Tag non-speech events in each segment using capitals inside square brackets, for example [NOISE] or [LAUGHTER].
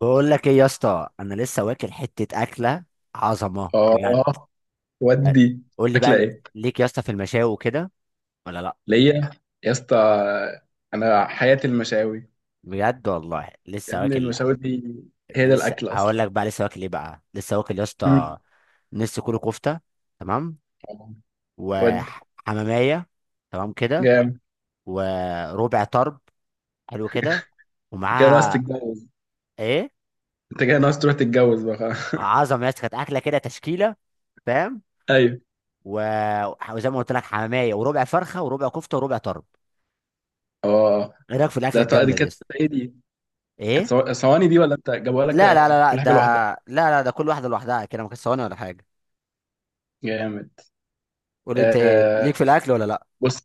بقول لك ايه يا اسطى، انا لسه واكل حته اكله عظمه بجد. اه هل- ودي قول لي بقى، اكله انت ايه ليك يا اسطى في المشاوي وكده ولا لا؟ ليا يا اسطى. انا حياتي المشاوي، بجد والله يا لسه ابني واكل. المشاوي دي هي ده لسه الاكل اصلا. هقول لك بقى، لسه واكل ايه بقى، لسه واكل يا اسطى. مم. نص كيلو كفته، تمام، آه. ودي وحماميه، تمام كده، جامد. وربع طرب، حلو كده، انت كده ناقص ومعاها تتجوز ايه؟ انت كده ناقص تروح تتجوز بقى خلاص. عظمه يا اسطى، كانت اكله كده تشكيله، فاهم؟ [LAUGHS] ايوه. وزي ما قلت لك، حماميه وربع فرخه وربع كفته وربع طرب. اه، ايه رايك في الاكله دي الجامده دي يا كانت اسطى؟ ايه. دي كانت ايه؟ صواني دي ولا انت جابوها لك؟ لا لا لا لا، كل ده، حاجه لوحدها. لا لا، ده كل واحده لوحدها كده، ما كانتش ثواني ولا حاجه. جامد. قول انت، ايه ليك آه في الاكل ولا لا؟ بص،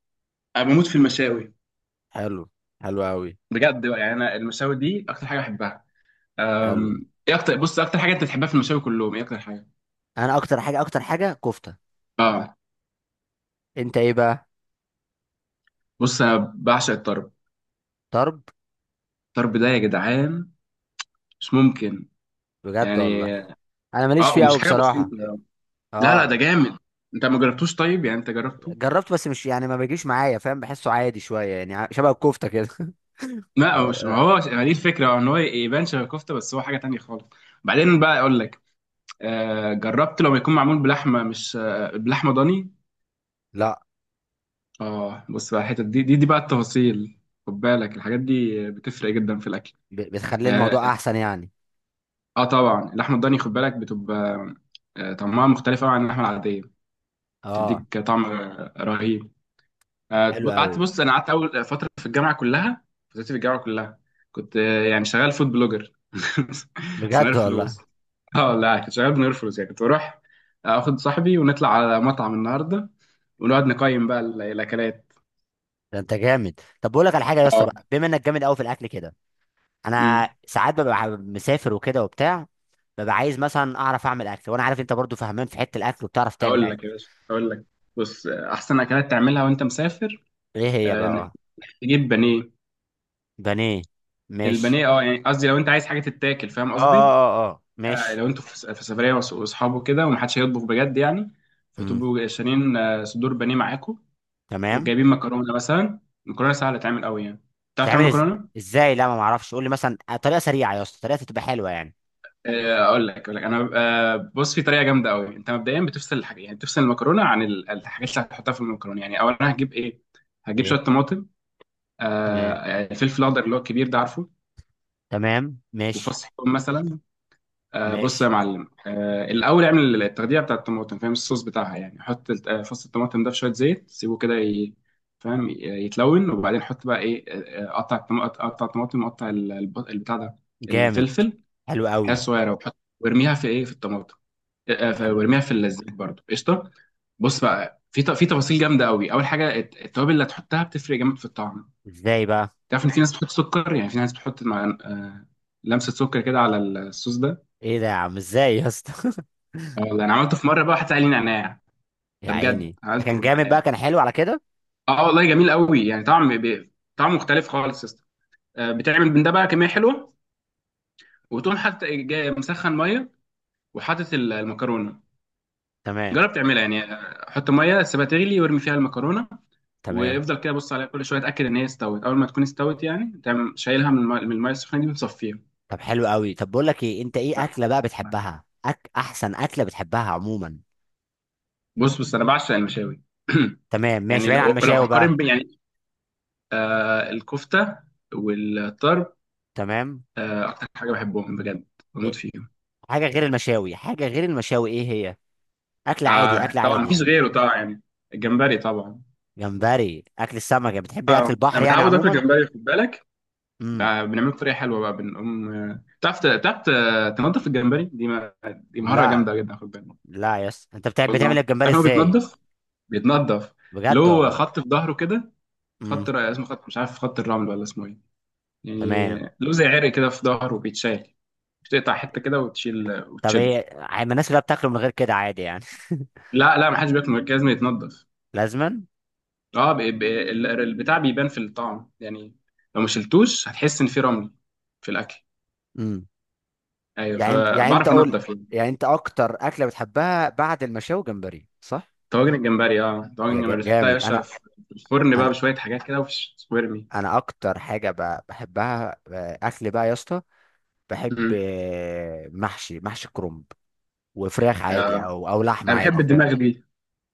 انا بموت في المشاوي، حلو، حلو قوي، بجد بقى، يعني انا المشاوي دي اكتر حاجه بحبها. حلو. ايه اكتر، اكتر حاجه انت بتحبها في المشاوي كلهم، ايه اكتر حاجه؟ انا اكتر حاجه، كفته. اه، انت ايه بقى؟ بص انا بعشق الطرب. طرب؟ الطرب ده يا جدعان مش ممكن، بجد يعني. والله انا ماليش اه، فيه ومش قوي حاجه بصراحه. بسيطه. لا لا، ده اه جامد. انت ما جربتوش؟ طيب يعني انت جربته. جربت، بس مش يعني، ما بيجيش معايا، فاهم؟ بحسه عادي شويه يعني، شبه الكفته كده. [LAUGHS] لا، هو أو- مش، ما آه، هو ما دي الفكره ان هو يبان شبه كفته، بس هو حاجه تانية خالص. بعدين بقى اقول لك. جربت لما يكون معمول بلحمه؟ مش آه بلحمه ضاني. لا اه، بص بقى، الحته دي بقى التفاصيل. خد بالك، الحاجات دي بتفرق جدا في الاكل. بتخلي اه, الموضوع احسن يعني. طبعا اللحمه الضاني خد بالك بتبقى، طعمها مختلف قوي عن اللحمه العاديه. اه، تديك طعم رهيب. آه، حلو قوي، قعدت بص انا قعدت اول فتره في الجامعه كلها، فترتي في الجامعه كلها كنت، يعني شغال فود بلوجر، [LAUGHS] بس من غير بجد والله. فلوس. اه لا، كنت شغال من غير فلوس، يعني كنت بروح اخد صاحبي ونطلع على مطعم النهارده ونقعد نقيم بقى الاكلات. ده انت جامد. طب بقول لك على حاجه يا اسطى، اه. بقى بما انك جامد قوي في الاكل كده، انا امم ساعات ببقى مسافر وكده وبتاع، ببقى عايز مثلا اعرف اعمل اكل، وانا عارف انت برضو فهمان في حته الاكل وبتعرف تعمل اكل. اقول لك. بص، احسن اكلات تعملها وانت مسافر، ايه هي بقى؟ انك اه، تجيب بانيه. بانيه، ماشي. البانيه، اه يعني قصدي لو انت عايز حاجه تتاكل، فاهم اه قصدي. اه اه اه، يعني ماشي. لو انتوا في سفرية، واصحابه كده، ومحدش هيطبخ بجد يعني، امم فتبقوا شارين، صدور بانيه معاكم، تمام. وجايبين مكرونة مثلا. مكرونة سهلة تتعمل قوي يعني. تعرف بتعمل تعمل إز... مكرونة؟ ازاي؟ لا ما معرفش، قول لي مثلا طريقه سريعه يا اسطى، طريقه تبقى حلوه يعني. اقول لك انا، بص، في طريقه جامده قوي. انت مبدئيا بتفصل الحاجه، يعني بتفصل المكرونه عن الحاجات اللي هتحطها في المكرونه. يعني اولا هجيب ايه؟ هجيب شويه ايه؟ طماطم، تمام، الفلفل الاخضر اللي هو الكبير ده، عارفه، تمام، ماشي. وفص ثوم مثلا. بص يا ماشي. معلم، الاول اعمل التغذيه بتاعه الطماطم، فاهم الصوص بتاعها. يعني حط فص الطماطم ده في شويه زيت، سيبه كده فاهم، يتلون. وبعدين حط بقى ايه؟ قطع الطماطم، وقطع البتاع ده، جامد. الفلفل، حلو حاجات قوي. صغيره، وحط وارميها في ايه، في الطماطم. حلو. وارميها في الزيت برضه، قشطه. بص بقى، في في تفاصيل جامده قوي. اول حاجه التوابل اللي هتحطها بتفرق جامد في الطعم. ازاي بقى؟ تعرف ان في ناس بتحط سكر؟ يعني في ناس بتحط مع، لمسه سكر كده على الصوص ده. ايه ده يا عم، ازاي يا اسطى؟ اه والله، انا عملته في مره بقى واحد سألني نعناع. [LAUGHS] يا ده بجد عيني، ده عملته كان جامد بنعناع. بقى، كان حلو على كده. اه والله، جميل قوي، يعني طعم ب... طعم مختلف خالص يا اسطى. بتعمل من ده بقى كميه حلوه، وتقوم حاطط جاي مسخن ميه، وحاطط المكرونه. تمام، جرب تعملها يعني، حط ميه سيبها تغلي وارمي فيها المكرونه، تمام. وافضل كده بص عليها كل شويه، اتاكد ان هي استوت، اول ما تكون استوت يعني تعمل، شايلها من الميه، من المية السخنه دي، وتصفيها. طب حلو قوي. طب بقول لك ايه، انت ايه اكله بقى بتحبها، احسن اكله بتحبها عموما؟ بص انا بعشق المشاوي. تمام، [CLEARS THROAT] ماشي. يعني بعيد عن لو، المشاوي هقارن بقى. بين يعني الكفته والطرب، تمام. اكتر حاجه بحبهم بجد، بموت إيه؟ فيهم. حاجه غير المشاوي، حاجه غير المشاوي، ايه هي؟ اكل عادي، اكل طبعا عادي مفيش يعني. غيره، طبعا يعني، الجمبري طبعا. جمبري؟ اكل السمك يعني، بتحب اكل البحر انا يعني متعود اكل عموما. جمبري خد بالك. امم. بقى بنعمله بطريقه حلوه بقى، بنقوم، تعرف، تنضف الجمبري. دي ما... دي مهاره لا جامده جدا خد بالك. لا يس، انت والله بتعمل تعرف الجمبري إن هو ازاي؟ بيتنضف. بيتنضف بجد له والله. خط في ظهره كده، امم. اسمه خط، مش عارف، خط الرمل ولا اسمه ايه يعني. تمام. له زي عرق كده في ظهره بيتشال، بتقطع حته كده وتشيل طب وتشده. ايه، الناس كلها بتاكله من غير كده عادي يعني. [LAUGHS] لا لا، ما حدش بياكل من غير، لازم يتنضف. لازما؟ اه، البتاع بيبان في الطعم يعني. لو ما شلتوش هتحس ان في رمل في الاكل. ايوه، يعني انت، فبعرف قول، انضف يعني. يعني انت اكتر اكله بتحبها بعد المشاوي وجمبري، صح؟ طواجن الجمبري، اه، طواجن الجمبري بتحطها يا جامد. باشا انا في الفرن بقى انا بشويه حاجات كده، وفش وارمي. انا اكتر حاجه بحبها اكل بقى يا اسطى، بحب مم. محشي كرنب، وفراخ عادي، آه او لحمه انا بحب عادي، فاهم؟ الدماغ دي،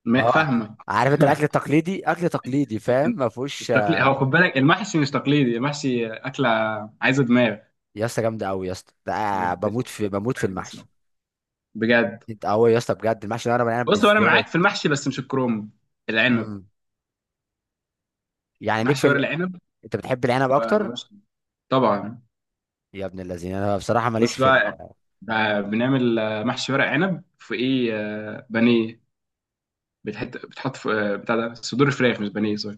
اه. فاهمك. عارف، انت الاكل [LAUGHS] التقليدي، اكل تقليدي، فاهم؟ ما مش فيهوش تقليدي، هو خد بالك، المحشي مش تقليدي، المحشي اكله عايزه دماغ يا اسطى جامده قوي يا اسطى ده، يعني. بموت في المحشي. بجد. انت قوي يا اسطى، بجد المحشي ورق العنب بص، هو انا بالذات. معاك في المحشي، بس مش الكروم، العنب، مم. يعني ليك محشي في ورق العنب. انت بتحب العنب ما- اكتر؟ ملوش- طبعا. يا ابن الذين، انا بصراحه ماليش بص في بقى، بنعمل، محشي ورق عنب في ايه، بانيه. بتحط في، بتاع ده، صدور فراخ، مش بانيه، سوري.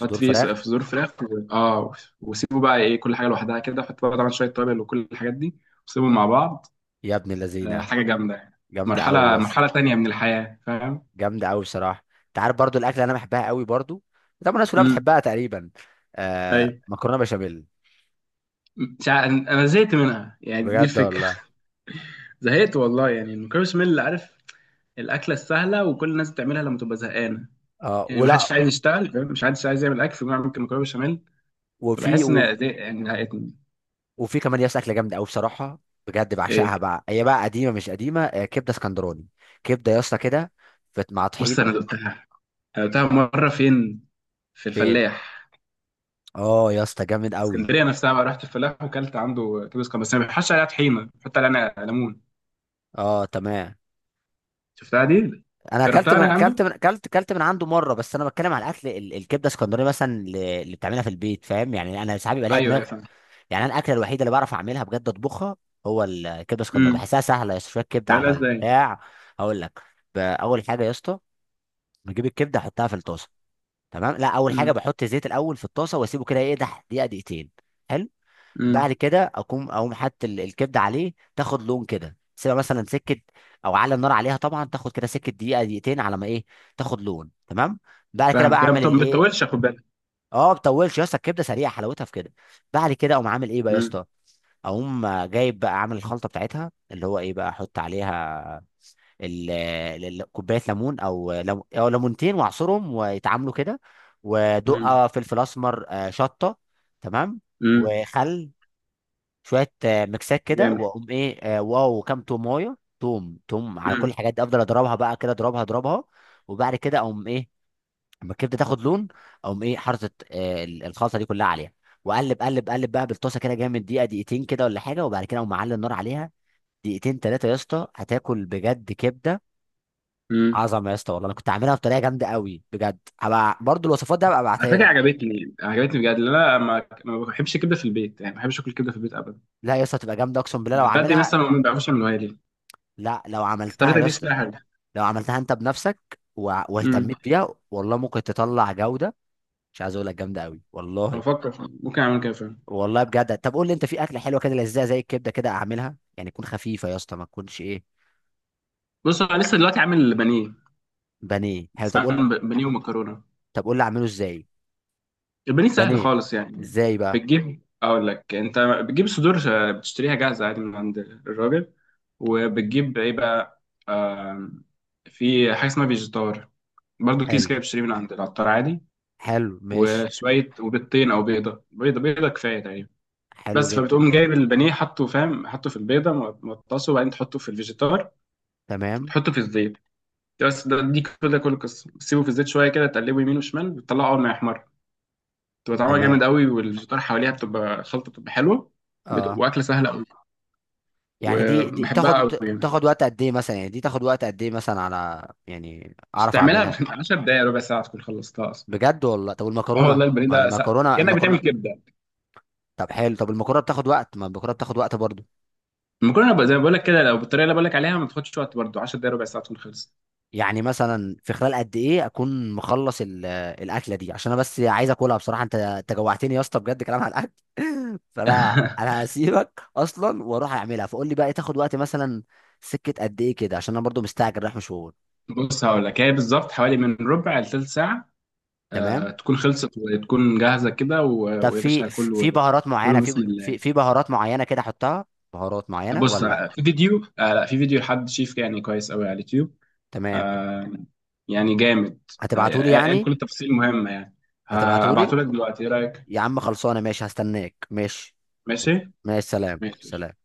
حط فيه في فراخ. صدور فراخ، و... اه، وسيبه بقى. ايه، كل حاجه لوحدها كده، حط بقى طبعا شويه توابل وكل الحاجات دي، وسيبهم مع بعض. يا ابن اللذينه، حاجه جامده يعني، جامده قوي مرحله يا اسطى. مرحله تانية من الحياه فاهم. جامده قوي بصراحه. انت عارف برضو الاكل اللي انا بحبها قوي برضو، طبعا الناس كلها امم بتحبها تقريبا، اي. آه، مكرونه بشاميل. مش ع- انا زهقت منها يعني، دي بجد الفكره. والله. [LAUGHS] زهقت والله، يعني المكرونه بشاميل عارف، الاكله السهله وكل الناس بتعملها لما تبقى زهقانه، اه يعني ما ولا. حدش عايز يشتغل، فاهم، مش حدش عايز يعمل اكل، فبيقوم يعمل ممكن مكرونه بشاميل. وفي فبحس و- ان دي يعني هقتني. وفي كمان يا اسطى اكله جامده قوي بصراحه، بجد ايه، بعشقها بقى، هي بقى قديمه مش قديمه، كبده اسكندراني. كبده يا اسطى كده، مع بص، طحينه. انا دقتها مره، فين؟ في فين؟ الفلاح. اه يا اسطى، جامد قوي. اسكندريه نفسها بقى، رحت الفلاح وكلت عنده كبس، كان بس ما بيحطش عليها طحينه، بيحط عليها ليمون. اه تمام. شفتها دي. انا اكلت جربتها من انا اكلت عنده. من اكلت اكلت من عنده مره، بس انا بتكلم على الاكل الكبده اسكندراني مثلا، اللي بتعملها في البيت فاهم، يعني انا ساعات بيبقى ليا ايوه ايوه، دماغ. فاهم. يعني انا الاكله الوحيده اللي بعرف اعملها بجد، اطبخها هو الكبده اسكندراني. امم. بحسها سهله يا اسطى، شويه كبده تعملها على ازاي؟ البتاع. هقول لك. اول حاجه يا اسطى، بجيب الكبده احطها في الطاسه. تمام، لا، اول حاجه امم. بحط زيت الاول في الطاسه، واسيبه كده يقدح دقيقه دقيقتين. حلو. امم. بعد كده اقوم، حاطط الكبده عليه، تاخد لون كده، سيبها مثلا سكه، او على النار عليها طبعا، تاخد كده سكه دقيقه دقيقتين على ما ايه، تاخد لون، تمام. بعد كده فاهم بقى كده، اعمل طب ما الايه، بتطولش خد بالك. اه ما بطولش يا اسطى، الكبده سريعه، حلاوتها في كده. بعد كده اقوم عامل ايه بقى يا امم. اسطى؟ اقوم جايب بقى، اعمل الخلطه بتاعتها، اللي هو ايه بقى، احط عليها كوبايه ليمون، او لم- او ليمونتين، واعصرهم ويتعاملوا كده، امم. ودقه فلفل اسمر، شطه، تمام، امم. وخل، شويه ميكسات كده، جامد. واقوم ايه، واو كام تومايه، توم توم، على كل الحاجات دي افضل اضربها بقى كده، اضربها، اضربها. وبعد كده اقوم ايه، اما الكبده تاخد لون، اقوم ايه حاطط الخلطه دي كلها عليها، واقلب، قلب قلب بقى بالطاسه كده جامد دقيقه دقيقتين كده ولا حاجه، وبعد كده اقوم معلي النار عليها دقيقتين 3 يا اسطى، هتاكل بجد كبده امم. عظمه يا اسطى والله. انا كنت عاملها بطريقه جامده قوي بجد، هبقى برضو الوصفات دي هبقى على ابعتها فكره لك. عجبتني، عجبتني بجد، لأن انا ما بحبش الكبده في البيت يعني، ما بحبش اكل الكبده في البيت ابدا، لا يا اسطى، تبقى جامده، اقسم بالله لو من بدري عاملها. مثلا ما بعرفش اعملها لي. لا لو عملتها طريقتك يا دي اسطى، شكلها حاجه. لو عملتها انت بنفسك، امم. واهتميت بيها، والله ممكن تطلع جودة. مش عايز اقول لك، جامدة قوي والله. بفكر ممكن اعمل كده فعلا. والله بجد. طب قول لي انت في اكلة حلوة كده، لذيذة زي الكبدة كده، اعملها يعني، تكون خفيفة يا اسطى ما تكونش ايه. بص، انا لسه دلوقتي عامل بانيه. بانيه، حلو. بس طب قول، عامل بانيه ومكرونه. طب قول لي اعمله ازاي. البانيه سهل بانيه؟ خالص يعني. ازاي بقى؟ اقول لك، انت بتجيب صدور، بتشتريها جاهزه عادي من عند الراجل. وبتجيب ايه بقى؟ آم، في حاجه اسمها فيجيتار، برضه كيس حلو، كده بتشتريه من عند العطار عادي. حلو، ماشي. وشويه، وبيضتين او بيضه، بيضه كفايه تقريبا حلو بس. جدا. فبتقوم جايب البانيه، حطه، فاهم، حطه في البيضه مغطسه، وبعدين تحطه في الفيجيتار، تمام، وتحطه في الزيت. بس، ده دي كده كل القصه. تسيبه في الزيت شويه كده، تقلبه يمين وشمال، بتطلعه اول ما يحمر. بتبقى طعمها تمام. جامد قوي، والفيجيتار حواليها بتبقى خلطه، بتبقى حلوه. اه. واكله سهله قوي، يعني دي وبحبها تاخد، قوي يعني. تاخد وقت قد ايه مثلا، يعني دي تاخد وقت قد ايه مثلا على يعني بس اعرف تعملها اعملها؟ في [LAUGHS] 10 دقايق، ربع ساعه تكون خلصتها اصلا. بجد والله. طب اه والمكرونة؟ والله، البانيه مع ده سا... المكرونة، كانك بتعمل المكرونة. كبده. طب حلو، طب المكرونه بتاخد وقت؟ ما المكرونه بتاخد وقت برضو. المكرونه بقى، زي ما بقول لك كده، لو بالطريقه اللي بقول لك عليها، ما تاخدش وقت برضه، 10 دقايق ربع ساعه تكون خلصت. يعني مثلا في خلال قد ايه اكون مخلص الاكله دي، عشان انا بس عايز اكلها بصراحه، انت جوعتني يا اسطى بجد كلام عن الاكل. [LAUGHS] فانا [LAUGHS] انا هسيبك اصلا واروح اعملها، فقول لي بقى إيه، تاخد وقت مثلا سكه قد ايه كده، عشان انا برضو مستعجل رايح مشوار. بص هقول لك، هي بالظبط حوالي من ربع لثلث ساعة، تمام. تكون خلصت وتكون جاهزة كده، طب ويا في باشا كله، بهارات معينه، كله بسم الله. في بهارات معينه كده احطها؟ بهارات معينه بص، ولا؟ آه، في فيديو آه لا، في فيديو لحد شيف يعني كويس قوي على اليوتيوب. تمام. آه، يعني جامد. هتبعتولي آه، قال يعني؟ كل التفاصيل مهمة يعني. هتبعتولي. هبعته لك دلوقتي، ايه رأيك؟ يا عم خلصانه، ماشي، هستناك، ماشي. ماشي؟ ماشي، سلام، ماشي. سلام.